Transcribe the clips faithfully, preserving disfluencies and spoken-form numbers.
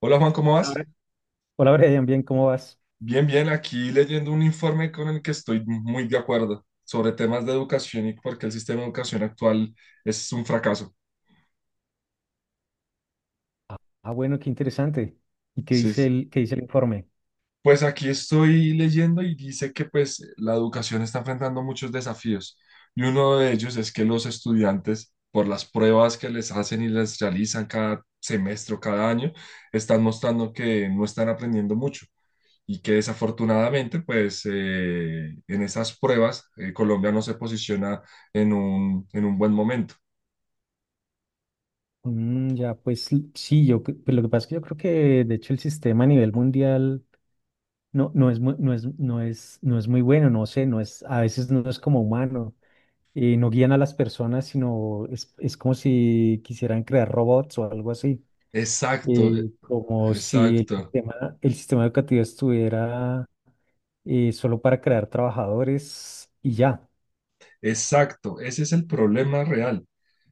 Hola, Juan, ¿cómo Hola, vas? Bre- Hola, Brian, bien, ¿cómo vas? Bien, bien, aquí leyendo un informe con el que estoy muy de acuerdo sobre temas de educación y por qué el sistema de educación actual es un fracaso. Ah, ah, bueno, qué interesante. ¿Y qué Sí, dice sí. el, qué dice el informe? Pues aquí estoy leyendo y dice que pues la educación está enfrentando muchos desafíos y uno de ellos es que los estudiantes, por las pruebas que les hacen y les realizan cada semestre o cada año, están mostrando que no están aprendiendo mucho. Y que desafortunadamente, pues eh, en esas pruebas, eh, Colombia no se posiciona en un, en un buen momento. Mm, ya, pues l- sí, yo, cre- pues, lo que pasa es que yo creo que de hecho el sistema a nivel mundial no, no es, mu- no es, no es, no es muy bueno, no sé, no es, a veces no es como humano. Eh, no guían a las personas, sino es, es como si quisieran crear robots o algo así. Exacto, eh, eh, Como si el exacto, sistema, el sistema educativo estuviera eh, solo para crear trabajadores y ya. exacto. Ese es el problema real.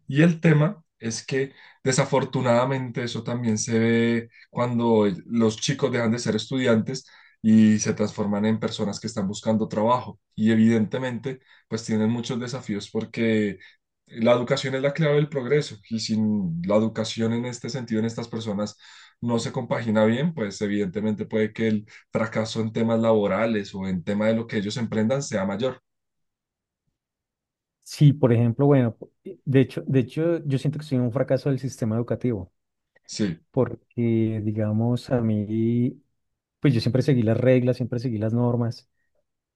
Y el tema es que desafortunadamente eso también se ve cuando los chicos dejan de ser estudiantes y se transforman en personas que están buscando trabajo. Y evidentemente, pues tienen muchos desafíos porque la educación es la clave del progreso y sin la educación en este sentido, en estas personas, no se compagina bien, pues evidentemente puede que el fracaso en temas laborales o en tema de lo que ellos emprendan sea mayor. Sí, por ejemplo, bueno, eh, de hecho, de hecho, yo siento que soy un fracaso del sistema educativo, Sí, porque, digamos, a mí, pues yo siempre seguí las reglas, siempre seguí las normas,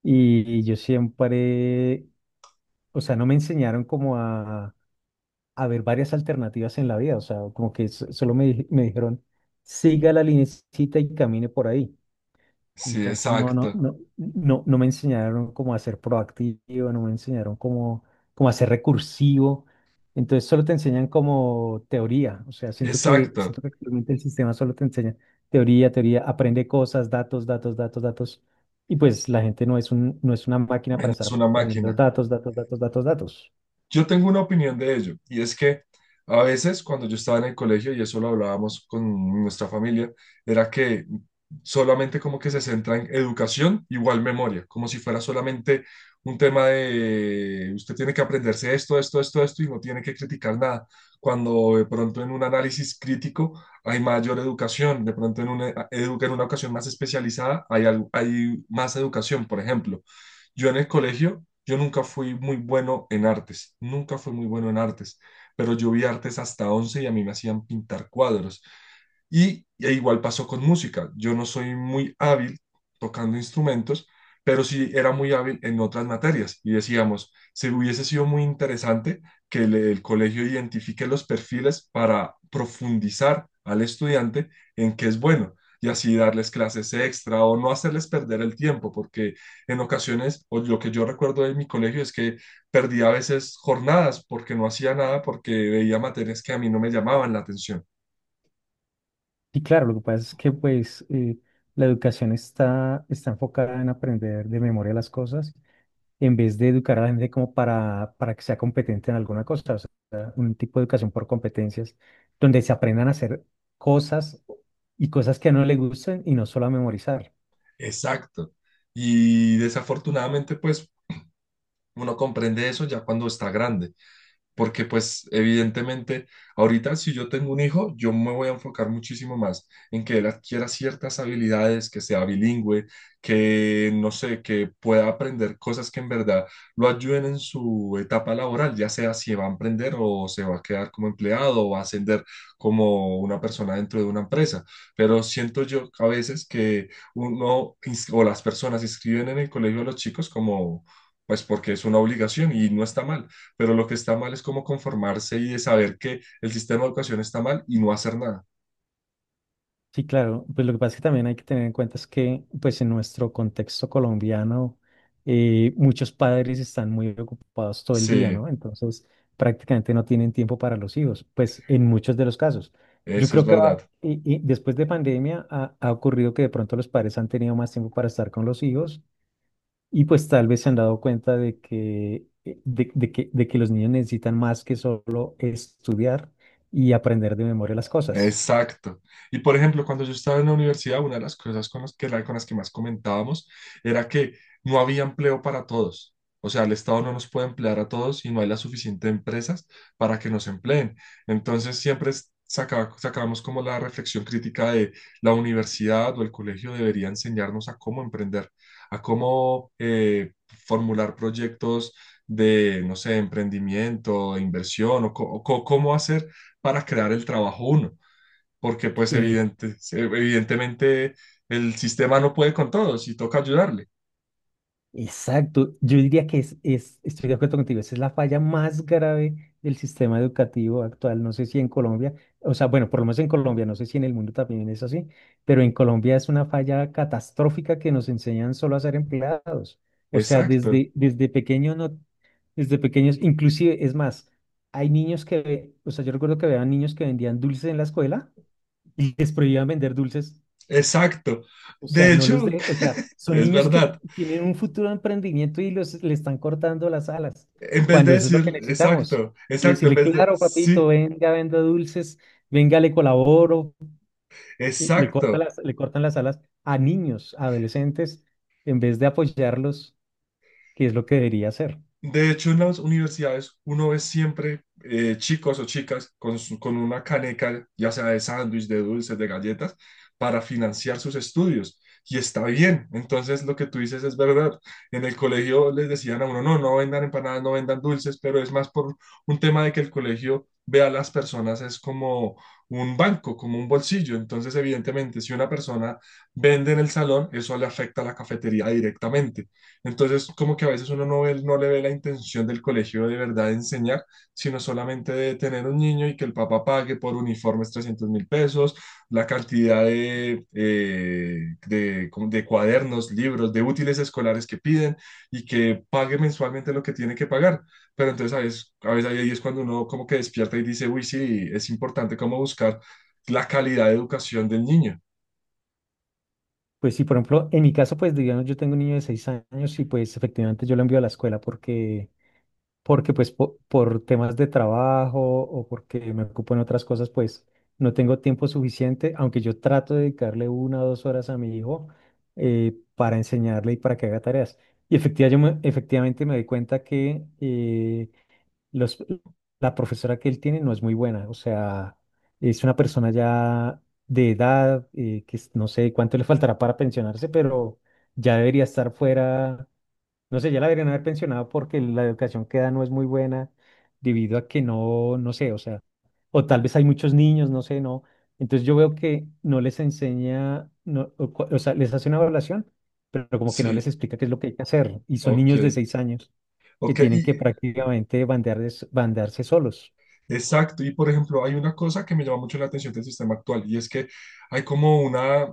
y, y yo siempre, o sea, no me enseñaron como a, a ver varias alternativas en la vida, o sea, como que so- solo me, di- me dijeron, siga la linecita y camine por ahí. sí, Entonces no, no, exacto, no, no, no me enseñaron cómo a ser proactivo, no me enseñaron cómo, cómo a ser recursivo. Entonces solo te enseñan como teoría. O sea, siento que, exacto. siento que actualmente el sistema solo te enseña teoría, teoría, aprende cosas, datos, datos, datos, datos. Y pues la gente no es un, no es una máquina para estar Es una aprendiendo máquina. datos, datos, datos, datos, datos. Yo tengo una opinión de ello y es que a veces cuando yo estaba en el colegio, y eso lo hablábamos con nuestra familia, era que solamente como que se centra en educación igual memoria, como si fuera solamente un tema de usted tiene que aprenderse esto, esto, esto, esto y no tiene que criticar nada. Cuando de pronto en un análisis crítico hay mayor educación, de pronto en una, edu- en una ocasión más especializada hay, algo, hay más educación, por ejemplo. Yo en el colegio yo nunca fui muy bueno en artes, nunca fui muy bueno en artes, pero yo vi artes hasta once y a mí me hacían pintar cuadros. Y, y igual pasó con música. Yo no soy muy hábil tocando instrumentos, pero sí era muy hábil en otras materias. Y decíamos, se hubiese sido muy interesante que el, el colegio identifique los perfiles para profundizar al estudiante en qué es bueno y así darles clases extra o no hacerles perder el tiempo, porque en ocasiones, o lo que yo recuerdo de mi colegio es que perdía a veces jornadas porque no hacía nada, porque veía materias que a mí no me llamaban la atención. Y claro, lo que pasa es que pues eh, la educación está, está enfocada en aprender de memoria las cosas en vez de educar a la gente como para, para que sea competente en alguna cosa, o sea, un tipo de educación por competencias, donde se aprendan a hacer cosas y cosas que no le gusten y no solo a memorizar. Exacto. Y desafortunadamente, pues uno comprende eso ya cuando está grande. Porque pues evidentemente ahorita si yo tengo un hijo, yo me voy a enfocar muchísimo más en que él adquiera ciertas habilidades, que sea bilingüe, que no sé, que pueda aprender cosas que en verdad lo ayuden en su etapa laboral, ya sea si va a emprender o se va a quedar como empleado o va a ascender como una persona dentro de una empresa. Pero siento yo a veces que uno ins- o las personas inscriben en el colegio a los chicos como pues porque es una obligación y no está mal, pero lo que está mal es cómo conformarse y de saber que el sistema de educación está mal y no hacer nada. Sí, claro. Pues lo que pasa es que también hay que tener en cuenta es que, pues en nuestro contexto colombiano, eh, muchos padres están muy ocupados todo el día, Sí, ¿no? Entonces, prácticamente no tienen tiempo para los hijos, pues en muchos de los casos. Yo eso es creo que va- verdad. y- y después de pandemia ha, ha ocurrido que de pronto los padres han tenido más tiempo para estar con los hijos y pues tal vez se han dado cuenta de que, eh, de, de que, de que los niños necesitan más que solo estudiar y aprender de memoria las cosas. Exacto. Y por ejemplo, cuando yo estaba en la universidad, una de las cosas con las que, la- con las que más comentábamos era que no había empleo para todos. O sea, el Estado no nos puede emplear a todos y no hay las suficientes empresas para que nos empleen. Entonces, siempre es- saca- sacábamos como la reflexión crítica de la universidad o el colegio debería enseñarnos a cómo emprender, a cómo eh, formular proyectos de, no sé, emprendimiento, inversión o co- o co- cómo hacer para crear el trabajo uno, porque pues Eh, evidente, se- evidentemente el sistema no puede con todos y toca ayudarle. Exacto, yo diría que es, es, estoy de acuerdo contigo, esa es la falla más grave del sistema educativo actual, no sé si en Colombia, o sea, bueno, por lo menos en Colombia, no sé si en el mundo también es así, pero en Colombia es una falla catastrófica que nos enseñan solo a ser empleados, o sea, Exacto, desde, desde pequeños, no, desde pequeños, inclusive, es más, hay niños que, o sea, yo recuerdo que había niños que vendían dulces en la escuela y les prohibían vender dulces. exacto. O sea, De no los hecho, de, o sea, son es niños que verdad. tienen un futuro de emprendimiento y los, le están cortando las alas, En vez de cuando eso es lo que decir, necesitamos. exacto, Y exacto, en decirle, vez de, claro, papito, sí, venga, venda dulces, venga, le colaboro, y le corta exacto. las, le cortan las alas a niños, a adolescentes, en vez de apoyarlos, que es lo que debería hacer. De hecho, en las universidades uno ve siempre eh, chicos o chicas con, su- con una caneca, ya sea de sándwich, de dulces, de galletas, para financiar sus estudios. Y está bien. Entonces, lo que tú dices es verdad. En el colegio les decían a uno, no, no vendan empanadas, no vendan dulces, pero es más por un tema de que el colegio ve a las personas es como un banco, como un bolsillo. Entonces, evidentemente, si una persona vende en el salón, eso le afecta a la cafetería directamente. Entonces, como que a veces uno no ve- no le ve la intención del colegio de verdad de enseñar, sino solamente de tener un niño y que el papá pague por uniformes trescientos mil pesos, la cantidad de, eh, de, como de cuadernos, libros, de útiles escolares que piden y que pague mensualmente lo que tiene que pagar. Pero entonces a veces, a veces ahí es cuando uno como que despierta y dice, uy, sí, es importante como buscar la calidad de educación del niño. Pues sí, por ejemplo, en mi caso, pues digamos, yo tengo un niño de seis años y pues efectivamente yo lo envío a la escuela porque porque pues po- por temas de trabajo o porque me ocupo en otras cosas, pues no tengo tiempo suficiente, aunque yo trato de dedicarle una o dos horas a mi hijo, eh, para enseñarle y para que haga tareas. Y efectivamente, yo me, efectivamente me doy cuenta que eh, los, la profesora que él tiene no es muy buena, o sea, es una persona ya de edad, eh, que es- no sé cuánto le faltará para pensionarse, pero ya debería estar fuera, no sé, ya la deberían haber pensionado porque la educación que da no es muy buena debido a que no, no sé, o sea, o tal vez hay muchos niños, no sé, no. Entonces yo veo que no les enseña, no, o, cua- o sea, les hace una evaluación, pero como que no les Sí, explica qué es lo que hay que hacer. Y son ok. niños de seis años que Ok, tienen que y prácticamente bandearse, bandearse solos. exacto, y por ejemplo, hay una cosa que me llama mucho la atención del sistema actual y es que hay como una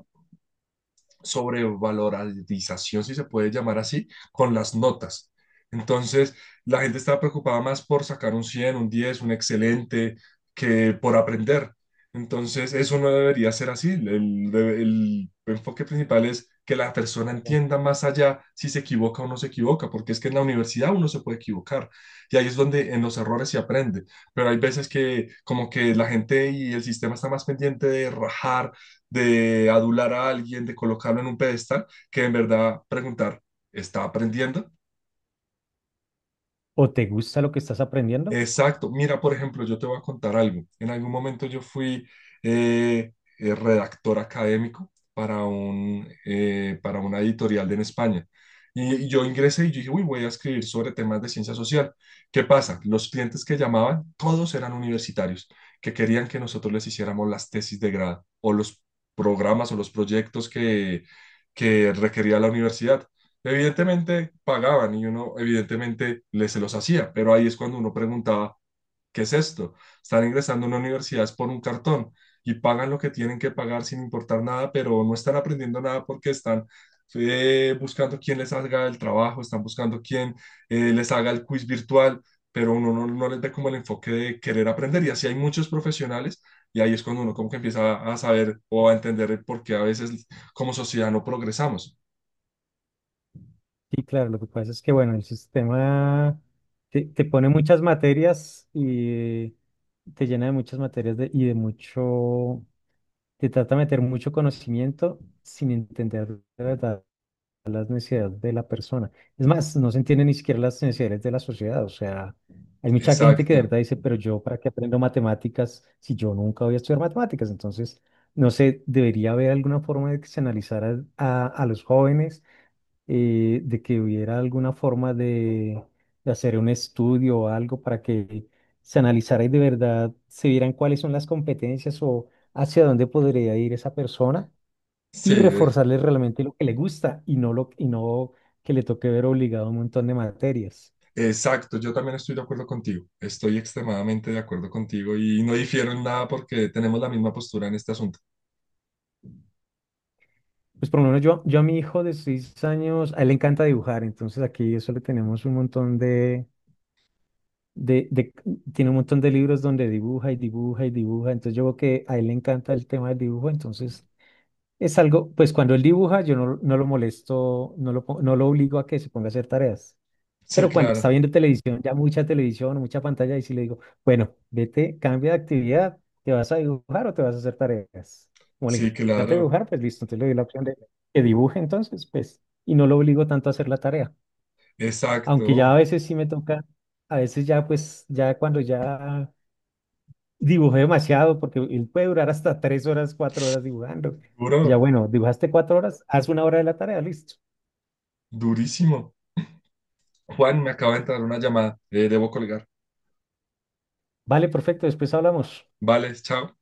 sobrevalorización, si se puede llamar así, con las notas. Entonces, la gente estaba preocupada más por sacar un cien, un diez, un excelente, que por aprender. Entonces, eso no debería ser así. El, el enfoque principal es que la persona entienda más allá si se equivoca o no se equivoca, porque es que en la universidad uno se puede equivocar y ahí es donde en los errores se aprende, pero hay veces que como que la gente y el sistema está más pendiente de rajar, de adular a alguien, de colocarlo en un pedestal, que en verdad preguntar, ¿está aprendiendo? ¿O te gusta lo que estás aprendiendo? Exacto. Mira, por ejemplo, yo te voy a contar algo. En algún momento yo fui eh, eh, redactor académico para un, eh, para una editorial en España. Y, y yo ingresé y yo dije, uy, voy a escribir sobre temas de ciencia social. ¿Qué pasa? Los clientes que llamaban, todos eran universitarios, que querían que nosotros les hiciéramos las tesis de grado o los programas o los proyectos que, que requería la universidad. Evidentemente pagaban y uno evidentemente les se los hacía, pero ahí es cuando uno preguntaba, ¿qué es esto? Están ingresando a una universidad es por un cartón y pagan lo que tienen que pagar sin importar nada, pero no están aprendiendo nada porque están eh, buscando quién les haga el trabajo, están buscando quién eh, les haga el quiz virtual, pero uno no, no les ve como el enfoque de querer aprender y así hay muchos profesionales y ahí es cuando uno como que empieza a, a saber o a entender el por qué a veces como sociedad no progresamos. Sí, claro, lo que pasa es que, bueno, el sistema te, te pone muchas materias y te llena de muchas materias de- y de mucho, te trata de meter mucho conocimiento sin entender de verdad las necesidades de la persona. Es más, no se entienden ni siquiera las necesidades de la sociedad, o sea, hay mucha gente que de Exacto. verdad dice, pero yo, ¿para qué aprendo matemáticas si yo nunca voy a estudiar matemáticas? Entonces, no sé, debería haber alguna forma de que se analizara a, a los jóvenes, eh, de que hubiera alguna forma de, de hacer un estudio o algo para que se analizara y de verdad se vieran cuáles son las competencias o hacia dónde podría ir esa persona y Sí, reforzarle realmente lo que le gusta y no, lo, y no que le toque ver obligado un montón de materias. exacto, yo también estoy de acuerdo contigo, estoy extremadamente de acuerdo contigo y no difiero en nada porque tenemos la misma postura en este asunto. Pues por lo menos yo, yo a mi hijo de seis años, a él le encanta dibujar, entonces aquí eso le tenemos un montón de de, de- tiene un montón de libros donde dibuja y dibuja y dibuja, entonces yo veo que a él le encanta el tema del dibujo, entonces es algo, pues cuando él dibuja yo no, no lo molesto, no lo, po- no lo obligo a que se ponga a hacer tareas, Sí, pero cuando está claro, viendo televisión, ya mucha televisión, mucha pantalla, y sí le digo, bueno, vete, cambia de actividad, ¿te vas a dibujar o te vas a hacer tareas? Como le sí, encanta claro, dibujar, pues listo, entonces le doy la opción de que dibuje entonces, pues, y no lo obligo tanto a hacer la tarea. exacto, Aunque ya a oh, veces sí me toca, a veces ya pues, ya cuando ya dibujé demasiado, porque él puede durar hasta tres horas, cuatro horas dibujando. Ya duro, bueno, dibujaste cuatro horas, haz una hora de la tarea, listo. durísimo. Juan, me acaba de entrar una llamada, eh, debo colgar. Vale, perfecto, después hablamos. Vale, chao.